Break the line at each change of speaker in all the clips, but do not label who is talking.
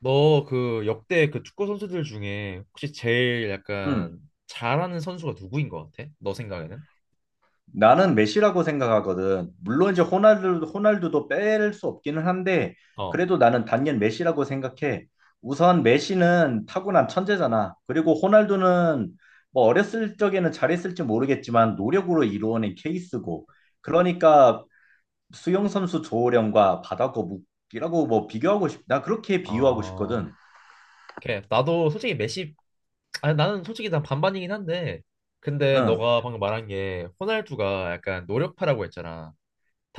너 그 역대 그 축구 선수들 중에 혹시 제일
음,
약간 잘하는 선수가 누구인 것 같아? 너 생각에는?
나는 메시라고 생각하거든. 물론 이제 호날두, 호날두도 뺄 수 없기는 한데,
어.
그래도 나는 단연 메시라고 생각해. 우선 메시는 타고난 천재잖아. 그리고 호날두는 뭐 어렸을 적에는 잘했을지 모르겠지만 노력으로 이루어낸 케이스고. 그러니까 수영 선수 조호령과 바다거북이라고 뭐 비교하고 싶, 나 그렇게 비유하고
어,
싶거든.
걔 나도 솔직히 메시, 아니 나는 솔직히 난 반반이긴 한데, 근데
응,
너가 방금 말한 게 호날두가 약간 노력파라고 했잖아.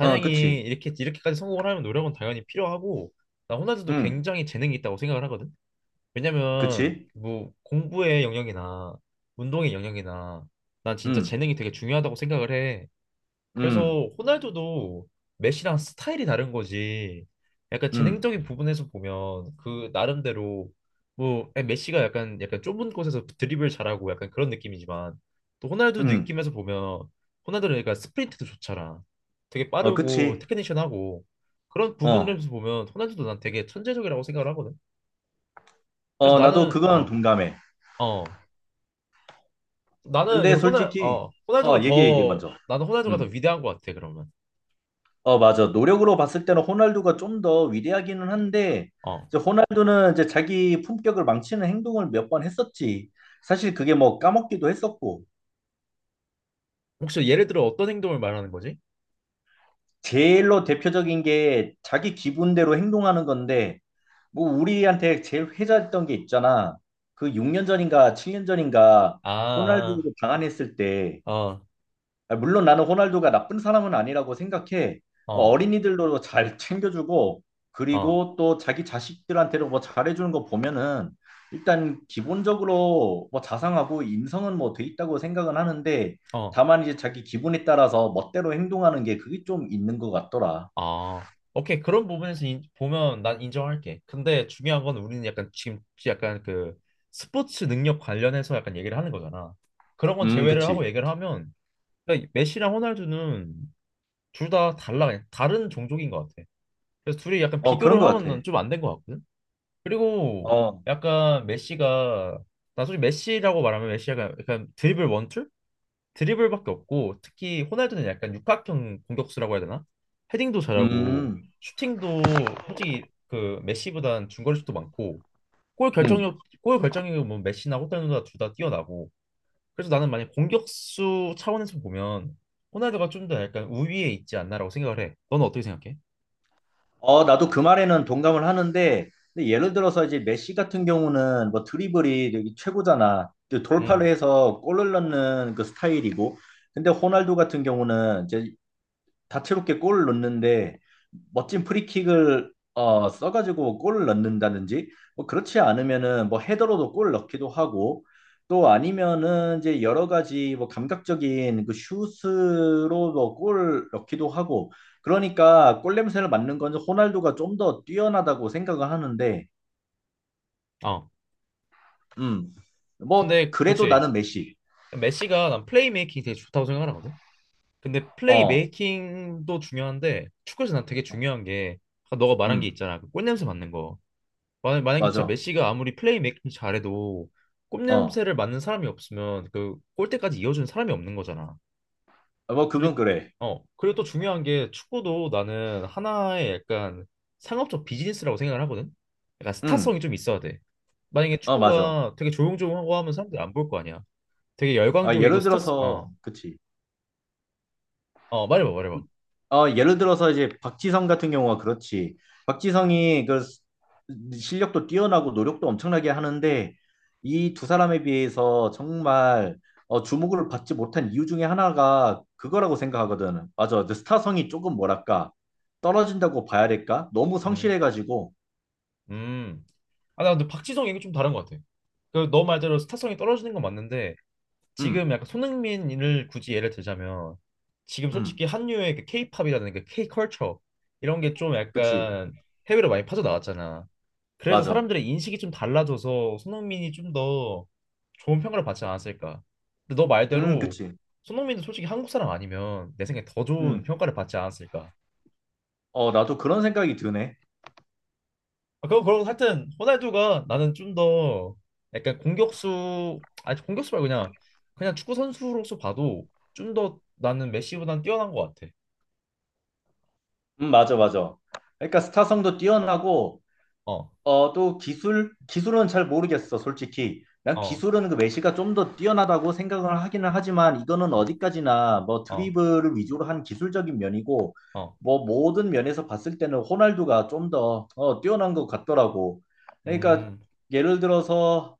어, 그치.
이렇게까지 성공을 하려면 노력은 당연히 필요하고, 나 호날두도
응,
굉장히 재능이 있다고 생각을 하거든. 왜냐면
그치.
뭐 공부의 영역이나 운동의 영역이나 난 진짜
응,
재능이 되게 중요하다고 생각을 해.
응,
그래서 호날두도 메시랑 스타일이 다른 거지. 약간
응,
재능적인 부분에서 보면 그 나름대로 뭐 메시가 약간 좁은 곳에서 드리블 잘하고 약간 그런 느낌이지만 또 호날두
응,
느낌에서 보면 호날두는 약간 스프린트도 좋잖아. 되게
어,
빠르고
그치.
테크니션하고 그런
어.
부분에서 보면 호날두도 난 되게 천재적이라고 생각을 하거든. 그래서
어, 나도
나는
그건
어
동감해.
어 나는
근데
그래서 호날
솔직히,
어
어,
호날두가
얘기해, 얘기해,
더
먼저.
나는 호날두가 더
음.
위대한 것 같아 그러면.
어, 맞아. 노력으로 봤을 때는 호날두가 좀 더 위대하기는 한데,
어.
이제 호날두는 이제 자기 품격을 망치는 행동을 몇 번 했었지. 사실 그게 뭐 까먹기도 했었고,
혹시 예를 들어 어떤 행동을 말하는 거지?
제일로 대표적인 게 자기 기분대로 행동하는 건데, 뭐 우리한테 제일 회자했던 게 있잖아. 그 6년 전인가 7년 전인가
아,
호날두 방한했을 때
아, 어,
아, 물론 나는 호날두가 나쁜 사람은 아니라고 생각해. 어,
어,
어린이들도 잘 챙겨주고,
어,
그리고 또 자기 자식들한테도 뭐 잘해주는 거 보면은, 일단 기본적으로 뭐 자상하고 인성은 뭐 돼 있다고 생각은 하는데,
어,
다만 이제 자기 기분에 따라서 멋대로 행동하는 게 그게 좀 있는 것 같더라.
어. 오케이. 그런 부분에서 보면 난 인정할게. 근데 중요한 건 우리는 약간 지금 약간 그 스포츠 능력 관련해서 약간 얘기를 하는 거잖아. 그런 건 제외를 하고
그치.
얘기를 하면 그러니까 메시랑 호날두는 둘 다 달라. 그냥 다른 종족인 것 같아. 그래서 둘이 약간
어, 그런
비교를
것 같아.
하면 좀 안 된 것 같거든. 그리고
어,
약간 메시가 나 솔직히 메시라고 말하면 메시가 약간 드리블 원툴? 드리블밖에 없고 특히 호날두는 약간 육각형 공격수라고 해야 되나? 헤딩도 잘하고
음,
슈팅도 솔직히 그 메시보단 중거리슛도 많고 골
음.
결정력 골 결정력은 뭐 메시나 호날두나 둘 다 뛰어나고 그래서 나는 만약 공격수 차원에서 보면 호날두가 좀 더 약간 우위에 있지 않나라고 생각을 해. 너는 어떻게 생각해?
어, 나도 그 말에는 동감을 하는데, 근데 예를 들어서 이제 메시 같은 경우는 뭐 드리블이 되게 최고잖아. 또 돌파를
음.
해서 골을 넣는 그 스타일이고, 근데 호날두 같은 경우는 이제 다채롭게 골을 넣는데 멋진 프리킥을 써가지고 골을 넣는다든지 뭐 그렇지 않으면은 뭐 헤더로도 골을 넣기도 하고 또 아니면은 이제 여러 가지 뭐 감각적인 그 슛으로 뭐골 넣기도 하고 그러니까 골 냄새를 맡는 건 호날두가 좀 더 뛰어나다고 생각을 하는데
어.
음뭐
근데
그래도
그렇지.
나는 메시
메시가 난 플레이메이킹이 되게 좋다고 생각하거든. 근데 플레이
어
메이킹도 중요한데 축구에서 난 되게 중요한 게 아까 너가 말한 게
음
있잖아. 그 꽃냄새 맡는 거. 만약에 진짜
맞아
메시가 아무리 플레이 메이킹 잘해도
어
꽃냄새를 맡는 사람이 없으면 그 골대까지 이어주는 사람이 없는 거잖아.
뭐 그건
그리고
그래
그리고 또 중요한 게 축구도 나는 하나의 약간 상업적 비즈니스라고 생각을 하거든. 약간
음
스타성이 좀 있어야 돼. 만약에
어 맞아
축구가 되게 조용조용하고 하면 사람들이 안 볼 거 아니야. 되게
아
열광적이고
예를
스타 어
들어서 그치
어 말해봐 말해봐.
어, 예를 들어서 이제 박지성 같은 경우가 그렇지. 박지성이 그 스- 실력도 뛰어나고 노력도 엄청나게 하는데 이 두 사람에 비해서 정말 어, 주목을 받지 못한 이유 중에 하나가 그거라고 생각하거든. 맞아. 그 스타성이 조금 뭐랄까 떨어진다고 봐야 될까? 너무
음
성실해가지고.
음. 아, 나 근데 박지성 얘기 좀 다른 것 같아. 그 너 말대로 스타성이 떨어지는 건 맞는데 지금
음,
약간 손흥민을 굳이 예를 들자면 지금 솔직히
음,
한류의 그 K-팝이라든가 K-컬처 이런 게 좀
그치.
약간 해외로 많이 빠져나왔잖아. 그래서
맞아.
사람들의 인식이 좀 달라져서 손흥민이 좀 더 좋은 평가를 받지 않았을까. 근데 너 말대로
그치.
손흥민도 솔직히 한국 사람 아니면 내 생각에 더 좋은
음,
평가를 받지 않았을까.
어, 나도 그런 생각이 드네.
아, 그럼 그럼 하여튼 호날두가 나는 좀 더 약간 공격수 아니 공격수 말고 그냥 그냥 축구 선수로서 봐도 좀 더 나는 메시보단 뛰어난 것 같아.
맞아, 맞아. 그러니까 스타성도 뛰어나고
어,
어, 또 기술, 기술은 잘 모르겠어, 솔직히. 난
어,
기술은 그 메시가 좀 더 뛰어나다고 생각을 하기는 하지만 이거는
어,
어디까지나 뭐
어,
드리블을 위주로 한 기술적인 면이고
어,
뭐 모든 면에서 봤을 때는 호날두가 좀더 뛰어난 것 같더라고. 그러니까
음,
예를 들어서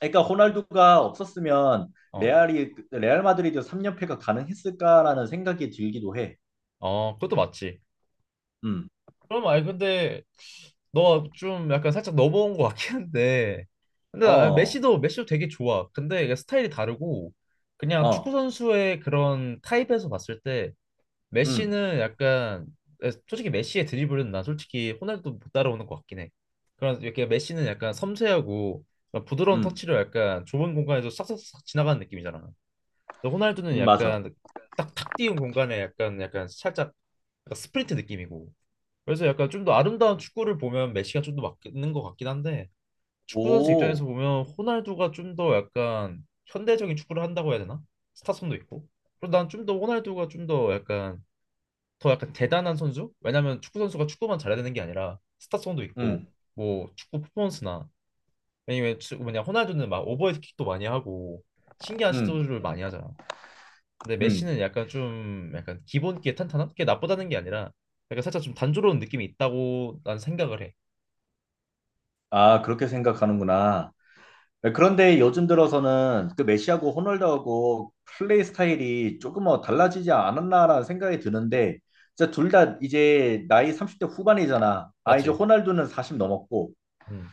그러니까 호날두가 없었으면
어,
레알이 레알 마드리드 3연패가 가능했을까라는 생각이 들기도 해.
어, 그것도 맞지.
음.
그럼 아니 근데 너가 좀 약간 살짝 넘어온 것 같긴 한데 근데 나
어.
메시도 되게 좋아. 근데 이게 스타일이 다르고 그냥 축구
어.
선수의 그런 타입에서 봤을 때
음.
메시는 약간 솔직히 메시의 드리블은 난 솔직히 호날두 못 따라오는 것 같긴 해. 그런 이렇게 메시는 약간 섬세하고 약간 부드러운
음.
터치로 약간 좁은 공간에서 싹싹싹 지나가는 느낌이잖아. 근데 호날두는
맞아.
약간 딱탁 띄운 공간에 약간 살짝 약간 스프린트 느낌이고. 그래서 약간 좀 더 아름다운 축구를 보면 메시가 좀 더 맞는 것 같긴 한데 축구 선수
오.
입장에서 보면 호날두가 좀 더 약간 현대적인 축구를 한다고 해야 되나? 스타성도 있고. 그리고 난 좀 더 호날두가 좀 더 약간 더 약간 대단한 선수? 왜냐면 축구 선수가 축구만 잘해야 되는 게 아니라 스타성도 있고
음.
뭐 축구 퍼포먼스나 아니면 뭐냐 호날두는 막 오버헤드킥도 많이 하고 신기한
음,
시도를 많이 하잖아. 근데
음.
메시는 약간 좀 약간 기본기에 탄탄한 게 나쁘다는 게 아니라 약간 살짝 좀 단조로운 느낌이 있다고 난 생각을 해.
아, 그렇게 생각하는구나. 그런데 요즘 들어서는 그 메시하고 호날두하고 플레이 스타일이 조금 뭐 달라지지 않았나라는 생각이 드는데, 진짜 둘 다 이제 나이 30대 후반이잖아. 아, 이제
맞지?
호날두는 40 넘었고,
음.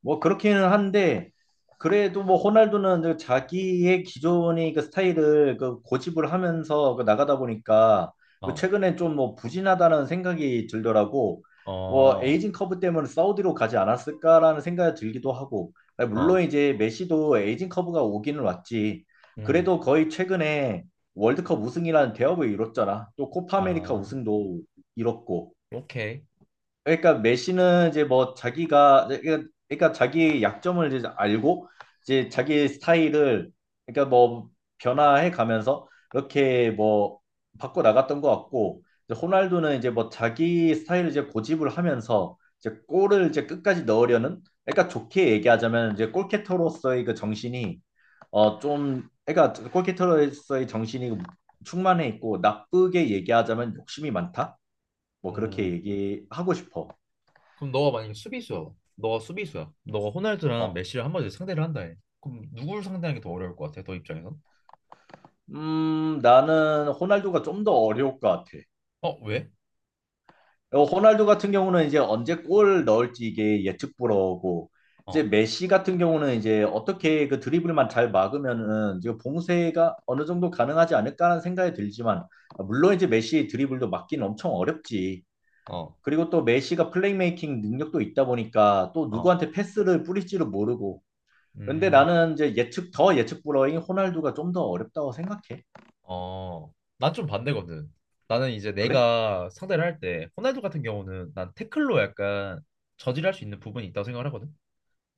뭐 그렇기는 한데 그래도 뭐 호날두는 그 자기의 기존의 그 스타일을 그 고집을 하면서 그 나가다 보니까 그
어.
최근에 좀 뭐 부진하다는 생각이 들더라고. 뭐
어.
에이징 커브 때문에 사우디로 가지 않았을까라는 생각이 들기도 하고. 물론
어.
이제 메시도 에이징 커브가 오기는 왔지.
음.
그래도 거의 최근에 월드컵 우승이라는 대업을 이뤘잖아. 또 코파 아메리카
아.
우승도 이뤘고.
오케이.
그러니까 메시는 이제 뭐 자기가 그러니까 자기 약점을 이제 알고 이제 자기 스타일을 그러니까 뭐 변화해 가면서 이렇게 뭐 바꿔 나갔던 것 같고 이제 호날두는 이제 뭐 자기 스타일을 이제 고집을 하면서 이제 골을 이제 끝까지 넣으려는 그러니까 좋게 얘기하자면 이제 골키터로서의 그 정신이 좀 그러니까 골키터로서의 정신이 충만해 있고 나쁘게 얘기하자면 욕심이 많다 뭐 그렇게
음.
얘기하고 싶어.
그럼 너가 만약에 수비수야. 너가 수비수야. 너가 호날두랑
어,
메시를 한마디로 상대를 한다 해. 그럼 누굴 상대하는 게 더 어려울 것 같아? 너 입장에선?
나는 호날두가 좀 더 어려울 것 같아.
어, 왜?
어, 호날두 같은 경우는 이제 언제 골 넣을지 이게 예측 불허고, 이제
어,
메시 같은 경우는 이제 어떻게 그 드리블만 잘 막으면은 이제 봉쇄가 어느 정도 가능하지 않을까라는 생각이 들지만, 아, 물론 이제 메시 드리블도 막기는 엄청 어렵지.
어,
그리고 또 메시가 플레이메이킹 능력도 있다 보니까 또
어.
누구한테 패스를 뿌릴지를 모르고. 그런데
음,
나는 이제 예측, 더 예측 불허인 호날두가 좀 더 어렵다고 생각해.
어. 난 좀 반대거든. 나는 이제
그래?
내가 상대를 할 때 호날두 같은 경우는 난 태클로 약간 저질할 수 있는 부분이 있다고 생각을 하거든.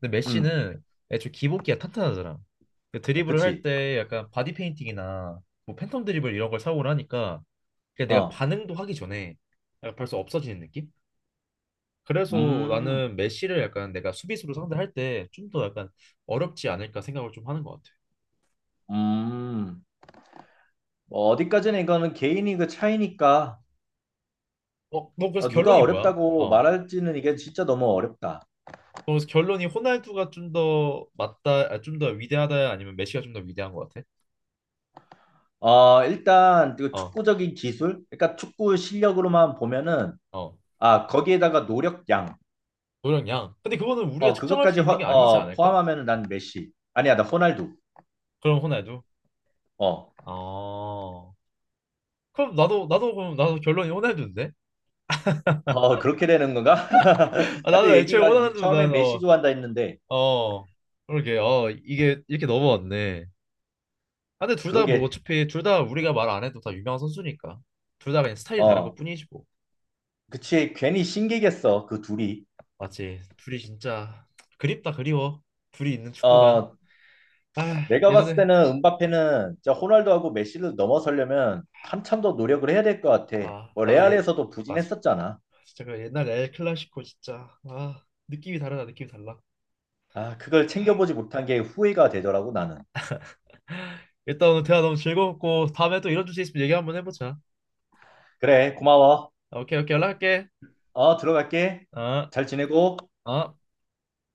근데
음,
메시는 애초에 기복기가 탄탄하잖아. 그 드리블을 할
그치.
때 약간 바디 페인팅이나 뭐 팬텀 드리블 이런 걸 사용을 하니까 그냥 내가
어,
반응도 하기 전에 약간 벌써 없어지는 느낌? 그래서
음,
나는 메시를 약간 내가 수비수로 상대할 때 좀 더 약간 어렵지 않을까 생각을 좀 하는 것 같아.
음. 뭐 어디까지는 이거는 개인이 그 차이니까
어, 너 그래서
어, 누가
결론이 뭐야?
어렵다고
어,
말할지는 이게 진짜 너무 어렵다.
너 그래서 결론이 호날두가 좀 더 맞다, 아, 좀 더 위대하다 아니면 메시가 좀 더 위대한 것 같아?
어, 일단 그
어,
축구적인 기술, 그러니까 축구 실력으로만 보면은
어,
아 거기에다가 노력량,
노력 양. 근데 그거는 우리가
어
측정할 수
그것까지
있는 게
허-
아니지
어,
않을까?
포함하면은 난 메시, 아니야 나 호날두.
그럼 호날두.
어,
어, 그럼 나도 결론이 호날두인데?
어 그렇게 되는 건가?
아,
나도
나는 애초에
얘기가 이-
호날두
처음에
난
메시
어,
좋아한다 했는데
어, 그러게, 어, 이게 이렇게 넘어왔네. 아, 근데 둘 다 뭐
그러게,
어차피 둘 다 우리가 말 안 해도 다 유명한 선수니까 둘 다 그냥 스타일이 다른
어,
것뿐이지 뭐
그치 괜히 신기겠어 그 둘이.
맞지 둘이 진짜 그립다 그리워 둘이 있는 축구가
어,
아
내가 봤을
예전에
때는 음바페는 진짜 호날두하고 메시를 넘어서려면 한참 더 노력을 해야 될 것 같아.
아
뭐
나가 옛
레알에서도
맞아
부진했었잖아.
진짜 그 옛날 엘 클라시코 진짜 아 느낌이 다르다 느낌이 달라
아, 그걸 챙겨보지 못한 게 후회가 되더라고 나는.
일단 오늘 대화 너무 즐거웠고 다음에 또 이런 주제 있으면 얘기 한번 해보자
그래, 고마워.
아, 오케이 오케이 연락할게
어, 들어갈게.
아
잘 지내고.
아.